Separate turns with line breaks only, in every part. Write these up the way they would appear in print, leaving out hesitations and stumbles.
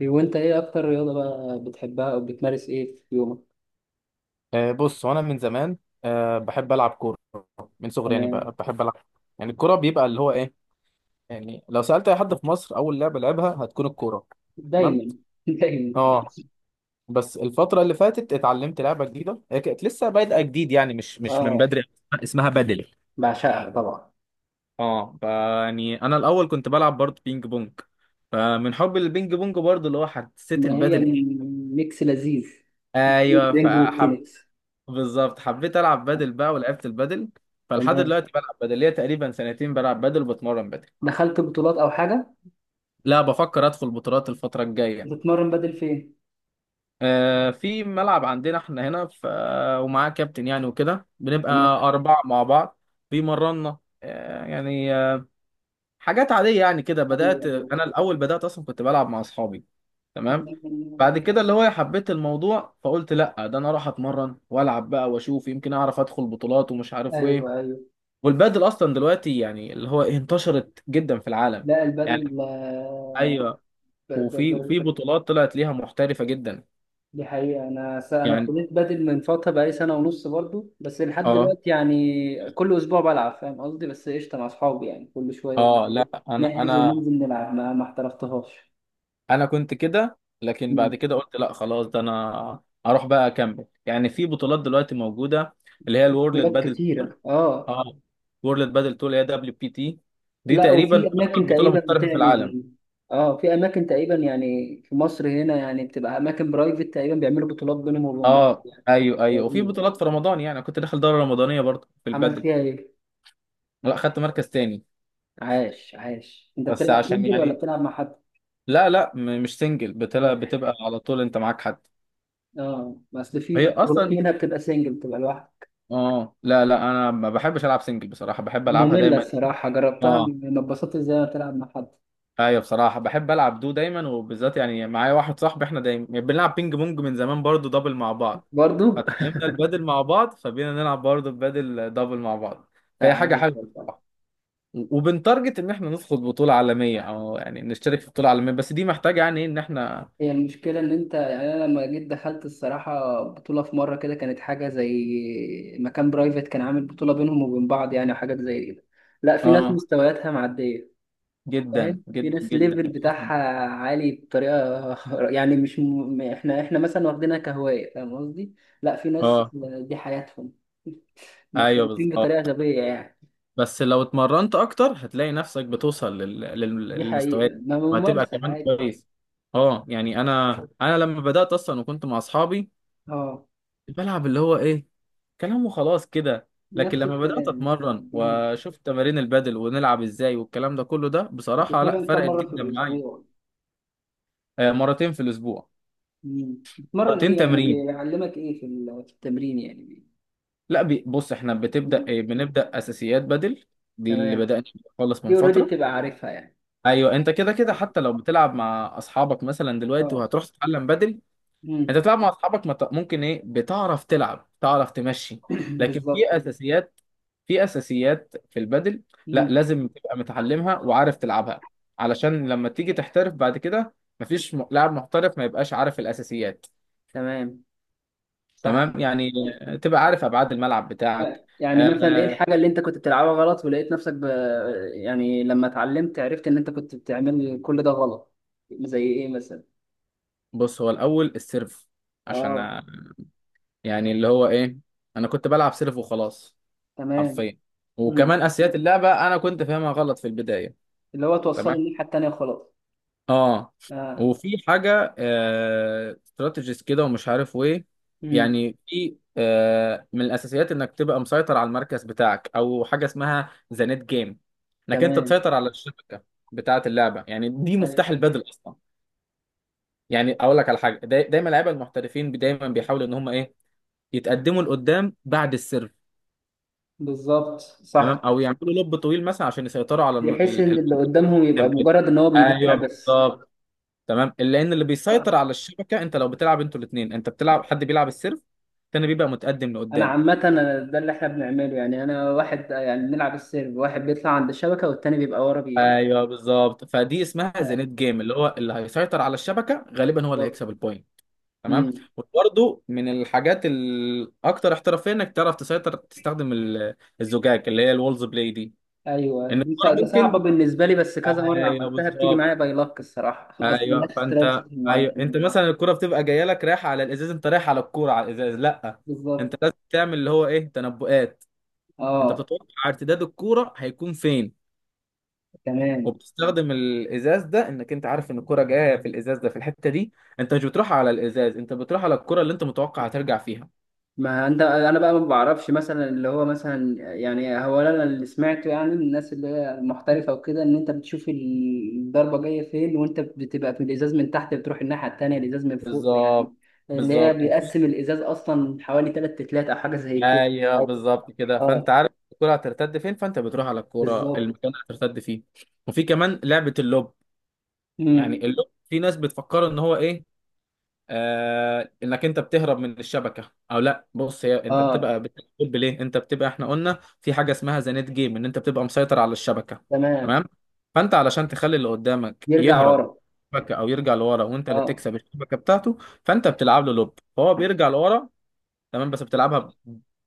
إيه وانت ايه اكتر رياضة بقى بتحبها او بتمارس ايه في يومك؟
بص وانا من زمان، بحب العب كوره من صغري. يعني
انا
بحب العب. يعني الكوره بيبقى اللي هو ايه. يعني لو سالت اي حد في مصر، اول لعبه لعبها هتكون الكوره. تمام.
دايما دايما
اه بس الفتره اللي فاتت اتعلمت لعبه جديده، هي كانت لسه بادئه جديد يعني مش من
اه.
بدري. اسمها بدل.
بعشقها طبعا.
اه ف- يعني انا الاول كنت بلعب برضه بينج بونج، فمن حب البينج بونج برضه اللي هو حسيت
ما هي
البدل
من
ايه.
ميكس لذيذ،
ايوه
الرينج
فحب.
والتنس.
بالظبط، حبيت العب بادل بقى ولعبت البادل. فلحد
تمام.
دلوقتي بلعب بادل ليا تقريبا سنتين، بلعب بادل وبتمرن بادل.
دخلت بطولات او حاجة؟
لا، بفكر ادخل بطولات الفتره الجايه.
بتتمرن بدل فين؟
آه، في ملعب عندنا احنا هنا ومعاه كابتن يعني، وكده بنبقى
تمام.
اربعه مع بعض. بيمرنا حاجات عاديه يعني كده.
ايوه
بدات
ايوه.
انا الاول، بدات اصلا كنت بلعب مع اصحابي. تمام. بعد كده اللي هو حبيت الموضوع، فقلت لا ده انا اروح اتمرن والعب بقى، واشوف يمكن اعرف ادخل بطولات ومش عارف
ايوه
ايه.
ايوه.
والبادل اصلا دلوقتي يعني اللي هو انتشرت جدا في العالم.
لا
يعني
البدل
ايوه.
ب- ب-
وفي
ب-
وفي بطولات طلعت ليها محترفه جدا.
دي حقيقة. أنا
يعني
ابتديت بادل من فترة بقالي سنة ونص برضو، بس لحد
اه.
دلوقتي يعني كل أسبوع بلعب، فاهم قصدي؟ بس قشطة مع أصحابي يعني، كل شوية كده
اه لا، انا،
نحجز
انا
وننزل نلعب. ما احترفتهاش.
انا كنت كده، لكن بعد
مم.
كده قلت لا خلاص، ده انا اروح بقى اكمل. يعني في بطولات دلوقتي موجوده اللي هي الورلد
بلاد
بادل تور.
كتيرة اه.
اه. وورلد بادل تور اللي هي دبليو بي تي، دي
لا
تقريبا
وفي أماكن
اكبر بطوله
تقريبا
محترفه في العالم.
بتعمل. اه، في أماكن تقريبا يعني، في مصر هنا يعني بتبقى أماكن برايفت تقريبا بيعملوا بطولات بينهم وبين بعض
اه
يعني.
ايوه ايوه. وفي
لذيذ.
بطولات في رمضان، يعني أنا كنت داخل دوره رمضانيه برضه في
عملت
البادل.
فيها إيه؟
لا خدت مركز تاني،
عاش عاش. أنت
بس
بتلعب
عشان
سنجل ولا
يعني.
بتلعب مع حد؟
لا لا، مش سنجل، بتبقى بتبقى على طول انت معاك حد.
اه بس
هي
في بطولات
اصلا
منها بتبقى سنجل، بتبقى لوحدك.
اه لا لا، انا ما بحبش العب سنجل بصراحه، بحب العبها
مملة
دايما.
الصراحة، جربتها
اه
ما اتبسطتش زي ما بتلعب مع حد.
ايوه، بصراحه بحب العب دو دايما، وبالذات يعني معايا واحد صاحبي احنا دايما يعني بنلعب بينج بونج من زمان برضو دبل مع بعض،
برضو.
فتعلمنا البادل مع بعض فبقينا نلعب برضو البادل دبل مع بعض.
لا
فهي حاجه
عادي
حلوه
والله.
بصراحه. وبنتارجت ان احنا ندخل بطوله عالميه، او يعني نشترك في بطوله عالميه، بس دي محتاجه يعني ايه ان احنا.
هي المشكلة إن أنت يعني، أنا لما جيت دخلت الصراحة بطولة في مرة كده، كانت حاجة زي مكان برايفت كان عامل بطولة بينهم وبين بعض يعني، وحاجات زي كده. لا في ناس
اه
مستوياتها معدية،
جدا
فاهم؟ في
جدا
ناس
جدا.
الليفل بتاعها عالي بطريقة. يعني مش م... إحنا مثلا واخدينها كهواية، فاهم قصدي؟ لا في ناس
اه
دي حياتهم،
ايوه
محترفين بطريقة
بالظبط.
غبية يعني.
بس لو اتمرنت اكتر هتلاقي نفسك بتوصل
دي
للمستويات
حقيقة،
دي.
ما
وهتبقى
ممارسة
كمان
عادي.
كويس. اه يعني انا. انا لما بدات اصلا وكنت مع اصحابي
اه،
بلعب اللي هو ايه، كلام وخلاص كده. لكن
نفس
لما بدات
الكلام.
اتمرن
اه،
واشوف تمارين البادل ونلعب ازاي والكلام ده كله، ده بصراحه لا
بتتمرن كم
فرقت
مرة في
جدا معايا.
الأسبوع؟
مرتين في الاسبوع.
مم. بتتمرن
مرتين
إيه يعني؟
تمرين.
بيعلمك إيه في في التمرين يعني؟
لا بص احنا
مم.
بتبدا بنبدا اساسيات بدل. دي اللي
تمام.
بدانا خالص من
دي أوريدي
فتره.
بتبقى عارفها يعني.
ايوه، انت كده كده
اه.
حتى لو بتلعب مع اصحابك مثلا دلوقتي
اه.
وهتروح تتعلم بدري.
مم.
انت بتلعب مع اصحابك، ممكن ايه، بتعرف تلعب، تعرف تمشي. لكن
بالظبط.
في اساسيات، في اساسيات في البدل، لا
مم.
لازم تبقى متعلمها وعارف تلعبها، علشان لما تيجي تحترف بعد كده. مفيش لاعب محترف ما يبقاش عارف الاساسيات.
تمام، صح
تمام
كده.
يعني، تبقى عارف ابعاد الملعب بتاعك.
يعني مثلا ايه
آه
الحاجة اللي انت كنت بتلعبها غلط ولقيت نفسك يعني لما اتعلمت عرفت ان انت كنت بتعمل كل ده غلط. زي ايه مثلا؟
بص، هو الاول السيرف، عشان
اه.
يعني اللي هو ايه، انا كنت بلعب سيرف وخلاص،
تمام.
حرفيا.
امم،
وكمان اساسيات اللعبه انا كنت فاهمها غلط في البدايه.
اللي هو توصله
تمام.
الناحية التانية خلاص.
اه.
اه.
وفي حاجه استراتيجيز كده ومش عارف وايه.
امم.
يعني في آه من الاساسيات انك تبقى مسيطر على المركز بتاعك، او حاجه اسمها ذا نت جيم، انك انت
تمام.
تسيطر على الشبكه بتاعه اللعبه، يعني دي
أيوة،
مفتاح البدل اصلا. يعني اقول لك على حاجه، دايما لعيبه المحترفين، دايما بيحاولوا ان هم ايه، يتقدموا لقدام بعد السيرف.
بالظبط،
تمام.
صح.
او يعملوا لوب طويل مثلا عشان يسيطروا على
بحيث ان اللي قدامهم يبقى
كام كده.
مجرد ان هو بيدافع
ايوه
بس.
بالظبط. تمام، لان اللي
آه.
بيسيطر على الشبكه، انت لو بتلعب انتوا الاثنين، انت بتلعب حد بيلعب السيرف، التاني بيبقى متقدم
انا
لقدام.
عامة، أنا ده اللي احنا بنعمله يعني. انا واحد يعني بنلعب السيرف، واحد بيطلع عند الشبكة والتاني بيبقى ورا بي.
ايوه بالظبط. فدي اسمها
آه،
زينت جيم، اللي هو اللي هيسيطر على الشبكه غالبا هو اللي
بالظبط.
هيكسب البوينت. تمام.
امم.
وبرده من الحاجات الاكثر احترافيه انك تعرف تسيطر، تستخدم الزجاج، اللي هي الولز بلاي دي.
ايوه
ان الكره
ده صعبة
ممكن.
بالنسبة لي، بس كذا مرة
ايوه
عملتها، بتيجي
بالظبط.
معايا باي لك الصراحة، بس ملهاش
ايوه فانت.
استراتيجي
ايوه انت
معين.
مثلا الكرة بتبقى جايه لك رايحه على الازاز، انت رايح على الكوره على الازاز؟ لا، انت
بالظبط.
لازم تعمل اللي هو ايه، تنبؤات. انت
اه.
بتتوقع ارتداد الكوره هيكون فين،
تمام.
وبتستخدم الازاز ده انك انت عارف ان الكوره جايه في الازاز ده في الحته دي، انت مش بتروح على الازاز، انت بتروح على الكوره اللي انت متوقع هترجع فيها.
ما انت انا بقى ما بعرفش مثلا، اللي هو مثلا، يعني هو انا اللي سمعته يعني من الناس اللي هي محترفه وكده، ان انت بتشوف الضربه جايه فين، وانت بتبقى في الازاز من تحت بتروح الناحيه التانيه الازاز من فوق يعني.
بالظبط.
اللي هي
بالظبط وفي
بيقسم الازاز اصلا حوالي تلات تلات او حاجه زي كده.
ايوه
أيوة.
بالظبط كده. فانت
اه،
عارف الكوره هترتد فين، فانت بتروح على الكوره،
بالظبط.
المكان اللي هترتد فيه. وفي كمان لعبه اللوب. يعني
امم.
اللغة في ناس بتفكر ان هو ايه، آه انك انت بتهرب من الشبكه، او لا بص هي انت
اه.
بتبقى بتقول ليه، انت بتبقى احنا قلنا في حاجه اسمها ذا نت جيم ان انت بتبقى مسيطر على الشبكه.
تمام.
تمام. فانت علشان تخلي اللي قدامك
يرجع
يهرب
ورا.
من الشبكه او يرجع لورا وانت اللي
اه.
تكسب الشبكه بتاعته، فانت بتلعب له لوب فهو بيرجع لورا. تمام، بس بتلعبها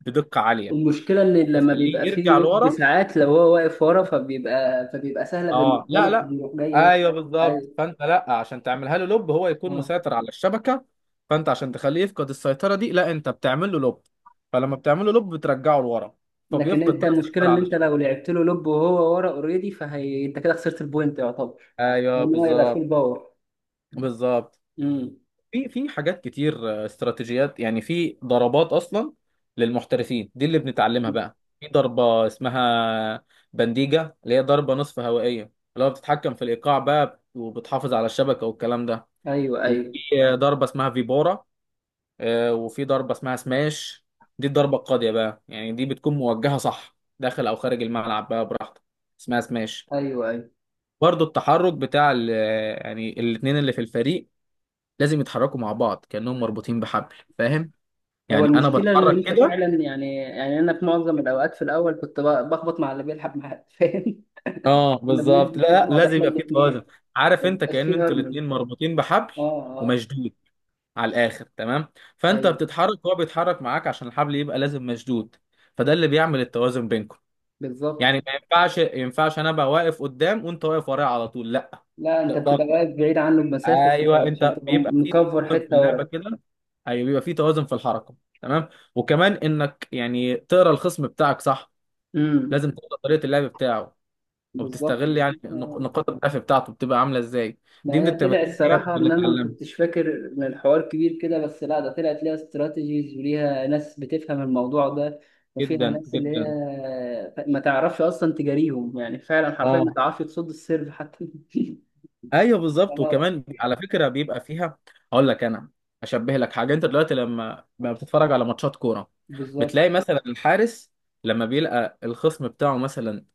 بدقه عاليه.
المشكله ان لما
تخليه
بيبقى
يرجع
فيه يد
لورا.
ساعات، لو هو واقف ورا فبيبقى سهله
اه
بالنسبه له
لا لا.
فبيروح جاي ايه.
ايوه بالظبط.
ايوه.
فانت لا، عشان تعملها له لوب هو يكون
آه.
مسيطر على الشبكه، فانت عشان تخليه يفقد السيطره دي، لا انت بتعمل له لوب. فلما بتعمل له لوب بترجعه لورا.
لكن
فبيفقد
انت
بقى
المشكله
السيطره
ان
على
انت
الشبكه.
لو لعبت له لوب وهو ورا اوريدي، فهي انت كده خسرت البوينت يعتبر.
ايوه
لان هو يبقى فول
بالظبط.
باور.
بالظبط.
امم.
في حاجات كتير. آه، استراتيجيات يعني، في ضربات اصلا للمحترفين دي اللي بنتعلمها بقى. في ضربه اسمها بنديجه، اللي هي ضربه نصف هوائيه، اللي هو بتتحكم في الايقاع بقى وبتحافظ على الشبكه والكلام ده.
ايوه ايوه
وفي ضربه اسمها فيبارا. وفي ضربه اسمها سماش، دي الضربه القاضيه بقى يعني، دي بتكون موجهه صح داخل او خارج الملعب بقى براحتك، اسمها سماش.
ايوه ايوه.
برضو التحرك بتاع يعني الاتنين اللي في الفريق لازم يتحركوا مع بعض كأنهم مربوطين بحبل، فاهم
هو
يعني، انا
المشكله ان
بتحرك
انت
كده.
فعلا يعني، يعني انا في معظم الاوقات في الاول كنت بخبط مع اللي بيلعب معاه، فاهم؟
اه
كنا
بالظبط. لا
بنلبس في
لا،
بعض
لازم
احنا
يبقى في توازن.
الاثنين.
عارف،
ما
انت
بيبقاش
كأن
فيه
انتوا
هرمون.
الاتنين مربوطين بحبل
اه. اه.
ومشدود على الاخر. تمام. فانت
ايوه،
بتتحرك وهو بيتحرك معاك عشان الحبل يبقى لازم مشدود، فده اللي بيعمل التوازن بينكم.
بالظبط.
يعني ما ينفعش، ينفعش انا ابقى واقف قدام وانت واقف ورايا على طول؟ لا،
لا انت
ده ده
بتبقى
غلط.
واقف بعيد عنه بمسافه
ايوه،
شويه عشان
انت
تبقى
بيبقى في
مكفر
توازن في
حته ورا.
اللعبه كده. ايوه بيبقى في توازن في الحركه. تمام. وكمان انك يعني تقرا الخصم بتاعك صح،
امم.
لازم تقرا طريقه اللعب بتاعه،
بالظبط.
وبتستغل يعني نقاط الضعف بتاعته بتبقى عامله ازاي.
ما
دي من
هي طلع
التمارين اللي
الصراحة إن أنا ما
بنتعلمها.
كنتش فاكر إن الحوار كبير كده، بس لا ده طلعت ليها استراتيجيز وليها ناس بتفهم الموضوع ده. وفيها
جدا
ناس اللي هي
جدا.
ما تعرفش أصلا تجاريهم، يعني فعلا حرفيا ما
اه
تعرفش تصد السيرف حتى.
ايوه بالظبط.
اه،
وكمان على فكره بيبقى فيها. هقول لك انا، اشبه لك حاجه. انت دلوقتي لما بتتفرج على ماتشات كوره،
بالظبط.
بتلاقي مثلا الحارس لما بيلقى الخصم بتاعه مثلا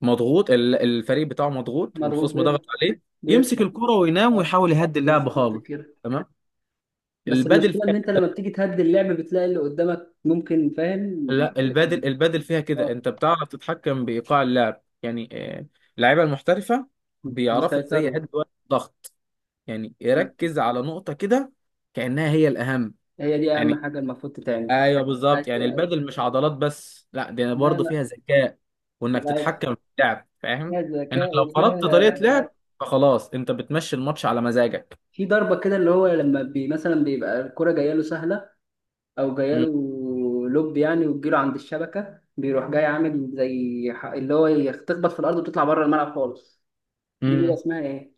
مضغوط، الفريق بتاعه مضغوط
مضغوط
والخصم ضغط
بير،
عليه، يمسك
بيطلع.
الكوره وينام
اه،
ويحاول يهدي اللعب
بالظبط
خالص.
كده.
تمام.
بس
البادل
المشكلة إن
فيها.
أنت لما بتيجي تهدي اللعب بتلاقي اللي قدامك ممكن، فاهم؟
لا البادل، البادل فيها كده.
اه.
انت بتعرف تتحكم بايقاع اللعب يعني. آه، اللعيبه المحترفه بيعرفوا ازاي
يسيطروا.
يهدوا الضغط، يعني يركز على نقطه كده كأنها هي الأهم.
هي دي
يعني
أهم حاجة المفروض تتعمل.
ايوه بالظبط. يعني
أيوة.
البادل مش عضلات بس، لا دي برضه
ما
فيها ذكاء، وانك
لا،
تتحكم في اللعب. فاهم،
فيها
انك
ذكاء
لو
وفيها.
فرضت طريقه لعب، فخلاص انت بتمشي الماتش على مزاجك.
في ضربة كده اللي هو لما بي مثلا بيبقى الكرة جاية له سهلة، أو جاية
امم.
له لوب يعني، وتجيله عند الشبكة، بيروح جاي عامل زي اللي هو تخبط في الأرض وتطلع بره الملعب خالص. دي بيبقى
أمم.
اسمها إيه؟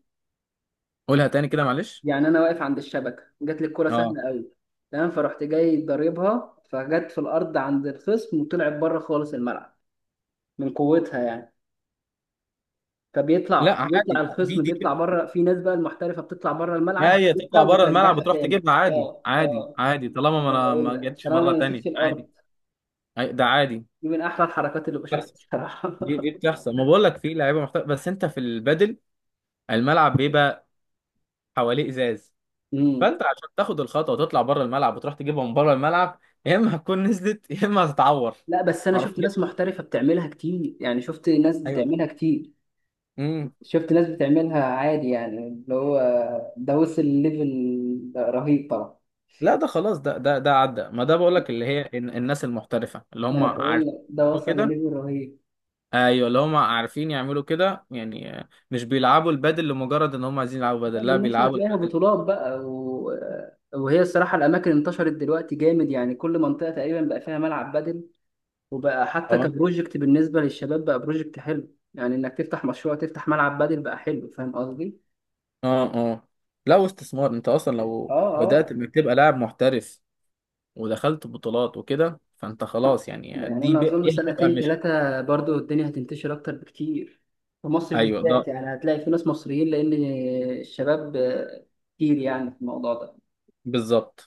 قولها تاني كده معلش.
يعني أنا واقف عند الشبكة جات لي الكرة
اه
سهلة أوي. تمام، فرحت جاي ضاربها فجت في الأرض عند الخصم وطلعت بره خالص الملعب، من قوتها يعني.
لا
فبيطلع
عادي، دي
الخصم
دي
بيطلع
كده.
بره. في ناس بقى المحترفه بتطلع بره الملعب
هي
بتجيبها
تطلع بره الملعب
وبترجعها
وتروح
تاني.
تجيبها، عادي
اه
عادي
اه.
عادي، طالما ما
ده انا
انا
بقول
ما
لك
جاتش
طالما
مره
ما
تانية،
لمستش
عادي.
الارض.
ده عادي.
دي من احلى الحركات اللي بشوفها
بتحصل.
بصراحه.
دي بتحصل، ما بقول لك في لعيبه محترفه. بس انت في البادل الملعب بيبقى حواليه ازاز،
امم.
فانت عشان تاخد الخطوه وتطلع بره الملعب وتروح تجيبها من بره الملعب، يا اما هتكون نزلت يا اما هتتعور.
لا بس انا شفت
حرفيا.
ناس محترفه بتعملها كتير، يعني شفت ناس
ايوه ده.
بتعملها كتير.
امم.
شفت ناس بتعملها عادي يعني، اللي هو ده وصل لليفل رهيب طبعا.
لا ده خلاص، ده عدى. ما ده بقول لك اللي هي الناس المحترفه اللي
ده
هم
انا
عارفين
بقول لك ده وصل
كده.
لليفل رهيب.
ايوه اللي هم عارفين يعملوا كده يعني. آه، مش بيلعبوا البادل لمجرد ان هم عايزين يلعبوا
لا،
بادل، لا
بالنسبة
بيلعبوا
تلاقيها
البادل.
بطولات بقى وهي الصراحة الأماكن انتشرت دلوقتي جامد، يعني كل منطقة تقريبا بقى فيها ملعب بدل. وبقى حتى
اه
كبروجكت بالنسبة للشباب، بقى بروجكت حلو يعني، إنك تفتح مشروع تفتح ملعب بدل بقى حلو، فاهم قصدي؟
اه اه. لا واستثمار، انت اصلا
آه
لو بدات
آه.
انك تبقى لاعب محترف ودخلت بطولات وكده، فانت خلاص يعني،
يعني
دي
أنا أظن
دي هتبقى
سنتين
مش.
ثلاثة برضو الدنيا هتنتشر أكتر بكتير في مصر
ايوه ده
بالذات يعني، هتلاقي في ناس مصريين، لأن الشباب كتير يعني في الموضوع ده.
بالظبط.